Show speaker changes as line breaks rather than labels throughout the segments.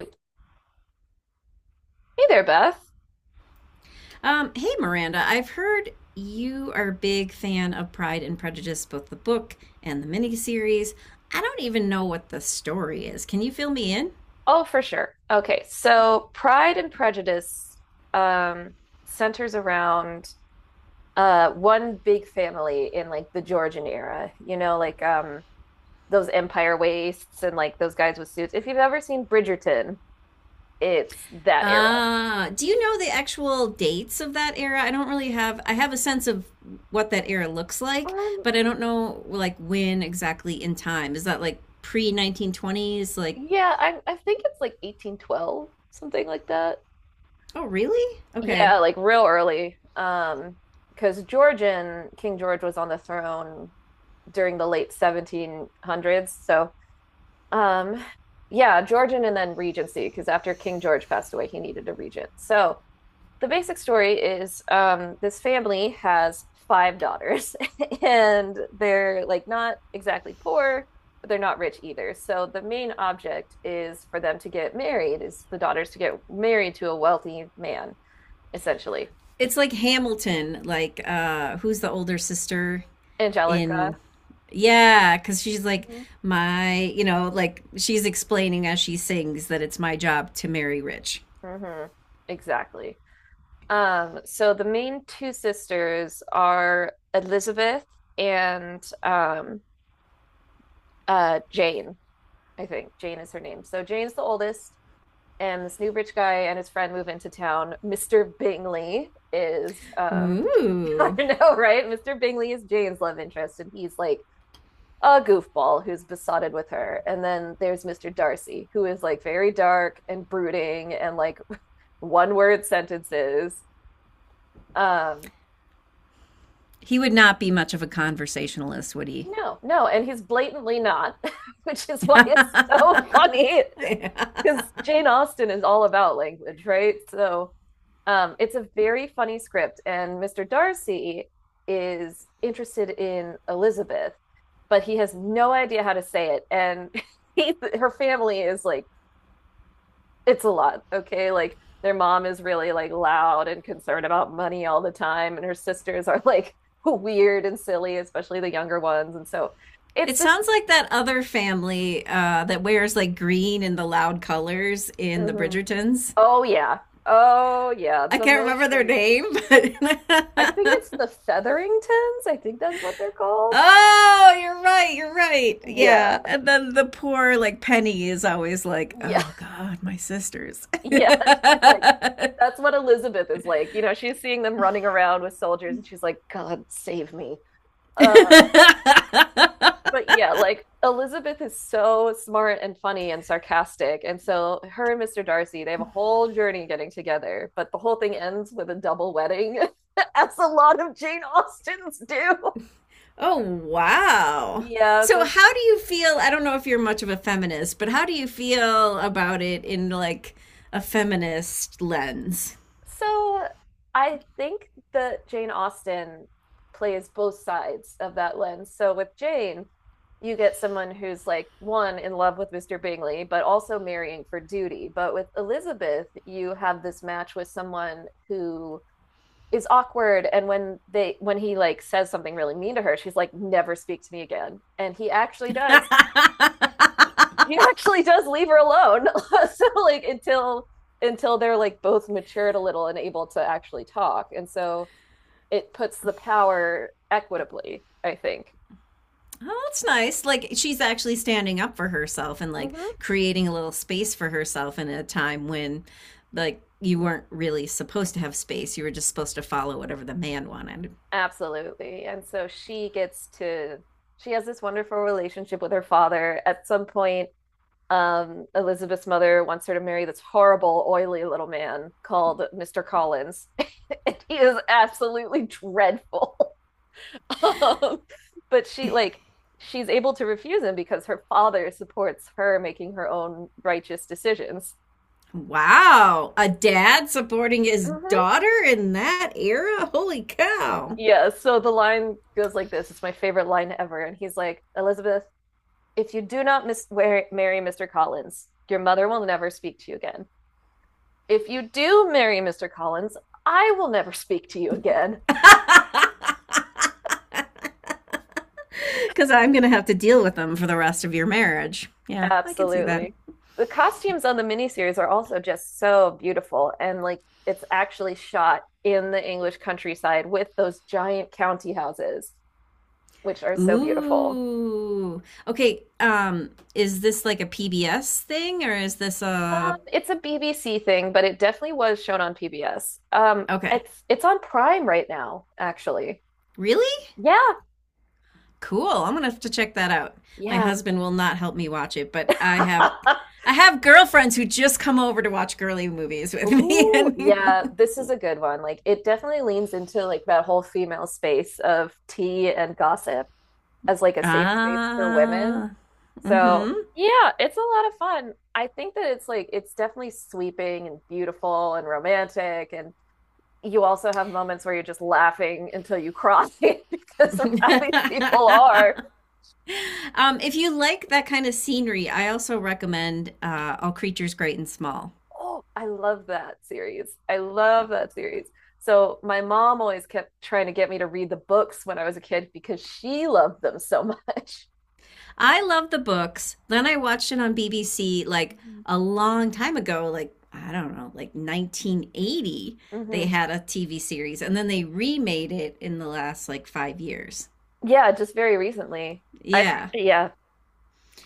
Hey there, Beth.
Hey, Miranda, I've heard you are a big fan of Pride and Prejudice, both the book and the miniseries. I don't even know what the story is. Can you fill me in?
Oh, for sure. Okay, so Pride and Prejudice um, centers around one big family in like the Georgian era, you know, like those empire waists and like those guys with suits. If you've ever seen Bridgerton, it's that era.
Do you know the actual dates of that era? I don't really have, I have a sense of what that era looks like,
Um,
but I don't know, like, when exactly in time. Is that like pre 1920s? Like,
yeah, I think it's like 1812, something like that.
oh, really? Okay.
Yeah, like real early. Because Georgian, King George was on the throne during the late 1700s. So, um, yeah, Georgian and then regency, because after King George passed away, he needed a regent. So, the basic story is this family has five daughters, and they're like not exactly poor, but they're not rich either. So, the main object is for them to get married, is the daughters to get married to a wealthy man, essentially.
It's like Hamilton, like, who's the older sister
Angelica.
in? Yeah, because she's like,
Mhm.
my, you know, like she's explaining as she sings that it's my job to marry rich.
Mhm. Exactly. So the main two sisters are Elizabeth and Jane, I think. Jane is her name. So Jane's the oldest, and this new rich guy and his friend move into town. Mr. Bingley is I
Ooh.
know, right? Mr. Bingley is Jane's love interest, and he's like a goofball who's besotted with her. And then there's Mr. Darcy, who is like very dark and brooding and like one word sentences. Um
He would not be much of a conversationalist, would he?
No, no, and he's blatantly not, which is why it's so funny because Jane Austen is all about language, right? It's a very funny script, and Mr. Darcy is interested in Elizabeth, but he has no idea how to say it, and he, her family is like, it's a lot, okay? Like their mom is really like loud and concerned about money all the time, and her sisters are like weird and silly, especially the younger ones, and so it's
It
this.
sounds like that other family that wears like green and the loud colors in the
Mm-hmm.
Bridgertons.
Oh yeah. Oh yeah.
I
The
can't
most
remember their
like
name,
I think it's
but
the Featheringtons. I think that's what they're called.
oh, you're right. You're right.
Yeah.
Yeah. And then the poor, like, Penny is always like,
Yeah.
oh, God, my sisters.
Yeah. She's like that's what Elizabeth is like. You know, she's seeing them running around with soldiers and she's like, God save me. Uh but yeah, like Elizabeth is so smart and funny and sarcastic. And so her and Mr. Darcy, they have a whole journey getting together, but the whole thing ends with a double wedding, as a lot of Jane Austens do.
Oh, wow.
Yeah,
So,
so
how do you feel? I don't know if you're much of a feminist, but how do you feel about it in like a feminist lens?
so I think that Jane Austen plays both sides of that lens. So with Jane, you get someone who's like one in love with Mr. Bingley, but also marrying for duty. But with Elizabeth, you have this match with someone who is awkward and when he like says something really mean to her she's like never speak to me again and he actually does leave her alone. So like until they're like both matured a little and able to actually talk. And so it puts the power equitably, I think.
Oh, that's nice. Like she's actually standing up for herself and like
Mm-hmm.
creating a little space for herself in a time when like you weren't really supposed to have space. You were just supposed to follow whatever the man wanted.
Absolutely. And so she gets to she has this wonderful relationship with her father. At some point, Elizabeth's mother wants her to marry this horrible, oily little man called Mr. Collins. And he is absolutely dreadful. Um, but she like she's able to refuse him because her father supports her making her own righteous decisions.
Wow, a dad supporting his
Mhm.
daughter in that era? Holy cow.
Yeah, so the line goes like this. It's my favorite line ever. And he's like, Elizabeth, if you do not marry Mr. Collins, your mother will never speak to you again. If you do marry Mr. Collins, I will never speak to you again.
Cuz I'm going to have to deal with them for the rest of your marriage. Yeah, I can see that.
Absolutely. The costumes on the miniseries are also just so beautiful and like it's actually shot in the English countryside with those giant county houses, which are so beautiful.
Ooh. Okay, is this like a PBS thing or is this a?
It's a BBC thing, but it definitely was shown on PBS.
Okay.
It's on Prime right now, actually.
Really?
Yeah,
Cool. I'm gonna have to check that out. My
yeah.
husband will not help me watch it, but I have girlfriends who just come over to watch girly movies with me.
Ooh, yeah,
And
this is a good one. Like it definitely leans into like that whole female space of tea and gossip, as like a safe space for women.
ah,
So
mm-hmm.
yeah, it's a lot of fun. I think that it's like it's definitely sweeping and beautiful and romantic and you also have moments where you're just laughing until you cry because of how these people are.
If you like that kind of scenery, I also recommend All Creatures Great and Small.
Oh, I love that series. I love that series. So my mom always kept trying to get me to read the books when I was a kid because she loved them so much.
I love the books. Then I watched it on BBC like a long time ago, like I don't know, like 1980. They
Hmm.
had a TV series and then they remade it in the last like 5 years.
Yeah, just very recently. I've
Yeah.
yeah,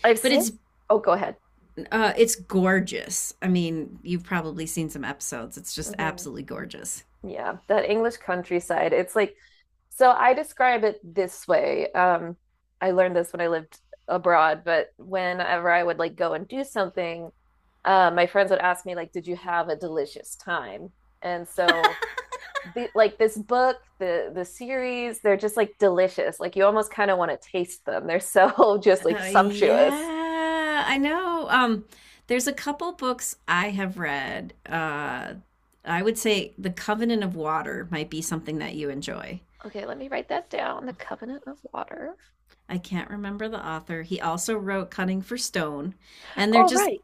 I've
But
seen. Oh, go ahead.
it's gorgeous. I mean, you've probably seen some episodes. It's just
Hmm.
absolutely gorgeous.
Yeah, that English countryside. It's like, so I describe it this way. I learned this when I lived abroad, but whenever I would like go and do something, my friends would ask me like, "Did you have a delicious time?" And so the like this book, the series, they're just like delicious. Like you almost kind of want to taste them. They're so just like sumptuous.
Yeah, I know. There's a couple books I have read. I would say The Covenant of Water might be something that you enjoy.
Okay, let me write that down. The Covenant of Water.
I can't remember the author. He also wrote Cutting for Stone. And they're
Oh,
just,
right.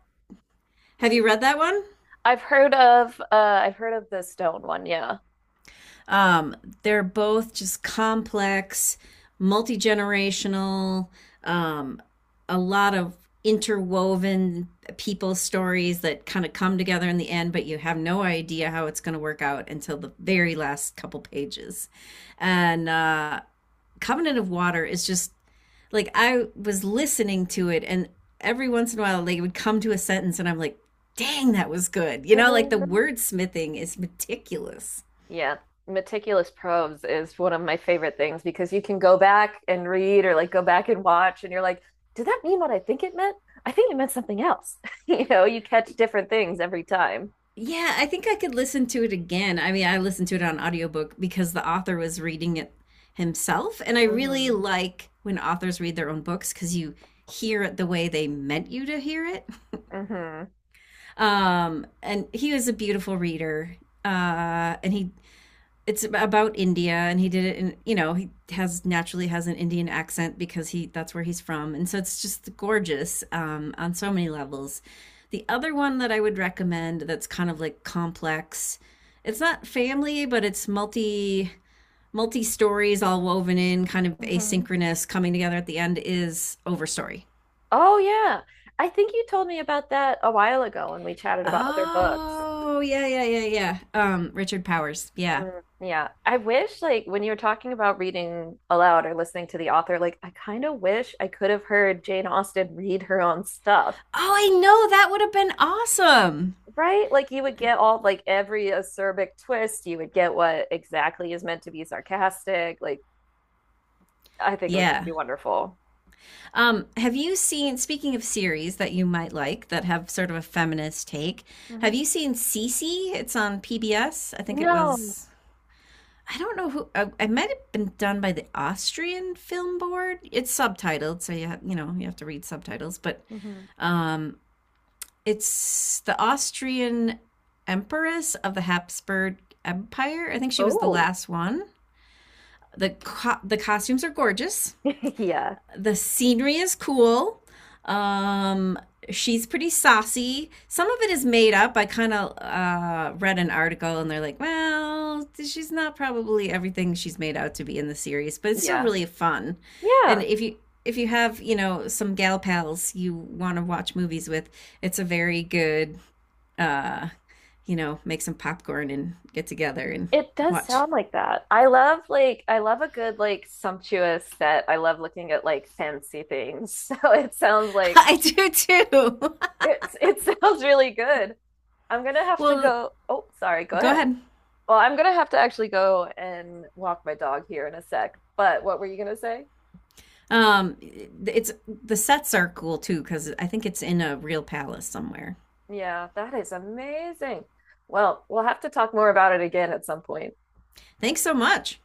have you read that one?
I've heard of the stone one, yeah.
Um, they're both just complex, multi generational, um, a lot of interwoven people stories that kind of come together in the end, but you have no idea how it's going to work out until the very last couple pages. And Covenant of Water is just like I was listening to it, and every once in a while, like it would come to a sentence, and I'm like, dang, that was good. You know, like the
Um,
wordsmithing is meticulous.
Yeah, meticulous probes is one of my favorite things because you can go back and read or like go back and watch, and you're like, did that mean what I think it meant? I think it meant something else. You know, you catch different things every time.
Yeah, I think I could listen to it again. I mean, I listened to it on audiobook because the author was reading it himself. And I really
Hmm.
like when authors read their own books because you hear it the way they meant you to hear it.
Hmm.
And he was a beautiful reader. And he it's about India and he did it in you know he has naturally has an Indian accent because he that's where he's from and so it's just gorgeous on so many levels. The other one that I would recommend that's kind of like complex, it's not family but it's multi stories all woven in, kind of
Hmm.
asynchronous coming together at the end is Overstory.
Oh, yeah. I think you told me about that a while ago when we chatted about other books.
Oh yeah. Richard Powers, yeah.
Mm, yeah. I wish, like, when you were talking about reading aloud or listening to the author, like, I kind of wish I could have heard Jane Austen read her own stuff,
Oh I know, that would have been awesome.
right? Like you would get all like every acerbic twist, you would get what exactly is meant to be sarcastic. Like I think it would just be
Yeah,
wonderful.
um, have you seen, speaking of series that you might like that have sort of a feminist take,
Hmm.
have you seen Cece? It's on PBS. I think it
No.
was, I don't know who, I might have been done by the Austrian Film Board. It's subtitled, so you have, you know, you have to read subtitles, but
Hmm.
um, it's the Austrian Empress of the Habsburg Empire. I think she was the
Oh,
last one. The costumes are gorgeous.
yeah.
The scenery is cool. Um, she's pretty saucy. Some of it is made up. I kind of read an article and they're like, well, she's not probably everything she's made out to be in the series, but it's still
Yeah.
really fun. And
Yeah.
if you have, you know, some gal pals you want to watch movies with, it's a very good uh, you know, make some popcorn and get together and
It does
watch.
sound like that. I love like I love a good like sumptuous set. I love looking at like fancy things. So it sounds like
I do too.
it's it sounds really good. I'm gonna have to
Well,
go. Oh, sorry, go
go
ahead.
ahead.
Well, I'm gonna have to actually go and walk my dog here in a sec. But what were you gonna say?
Um, it's the sets are cool too because I think it's in a real palace somewhere.
Yeah, that is amazing. Well, we'll have to talk more about it again at some point.
Thanks so much.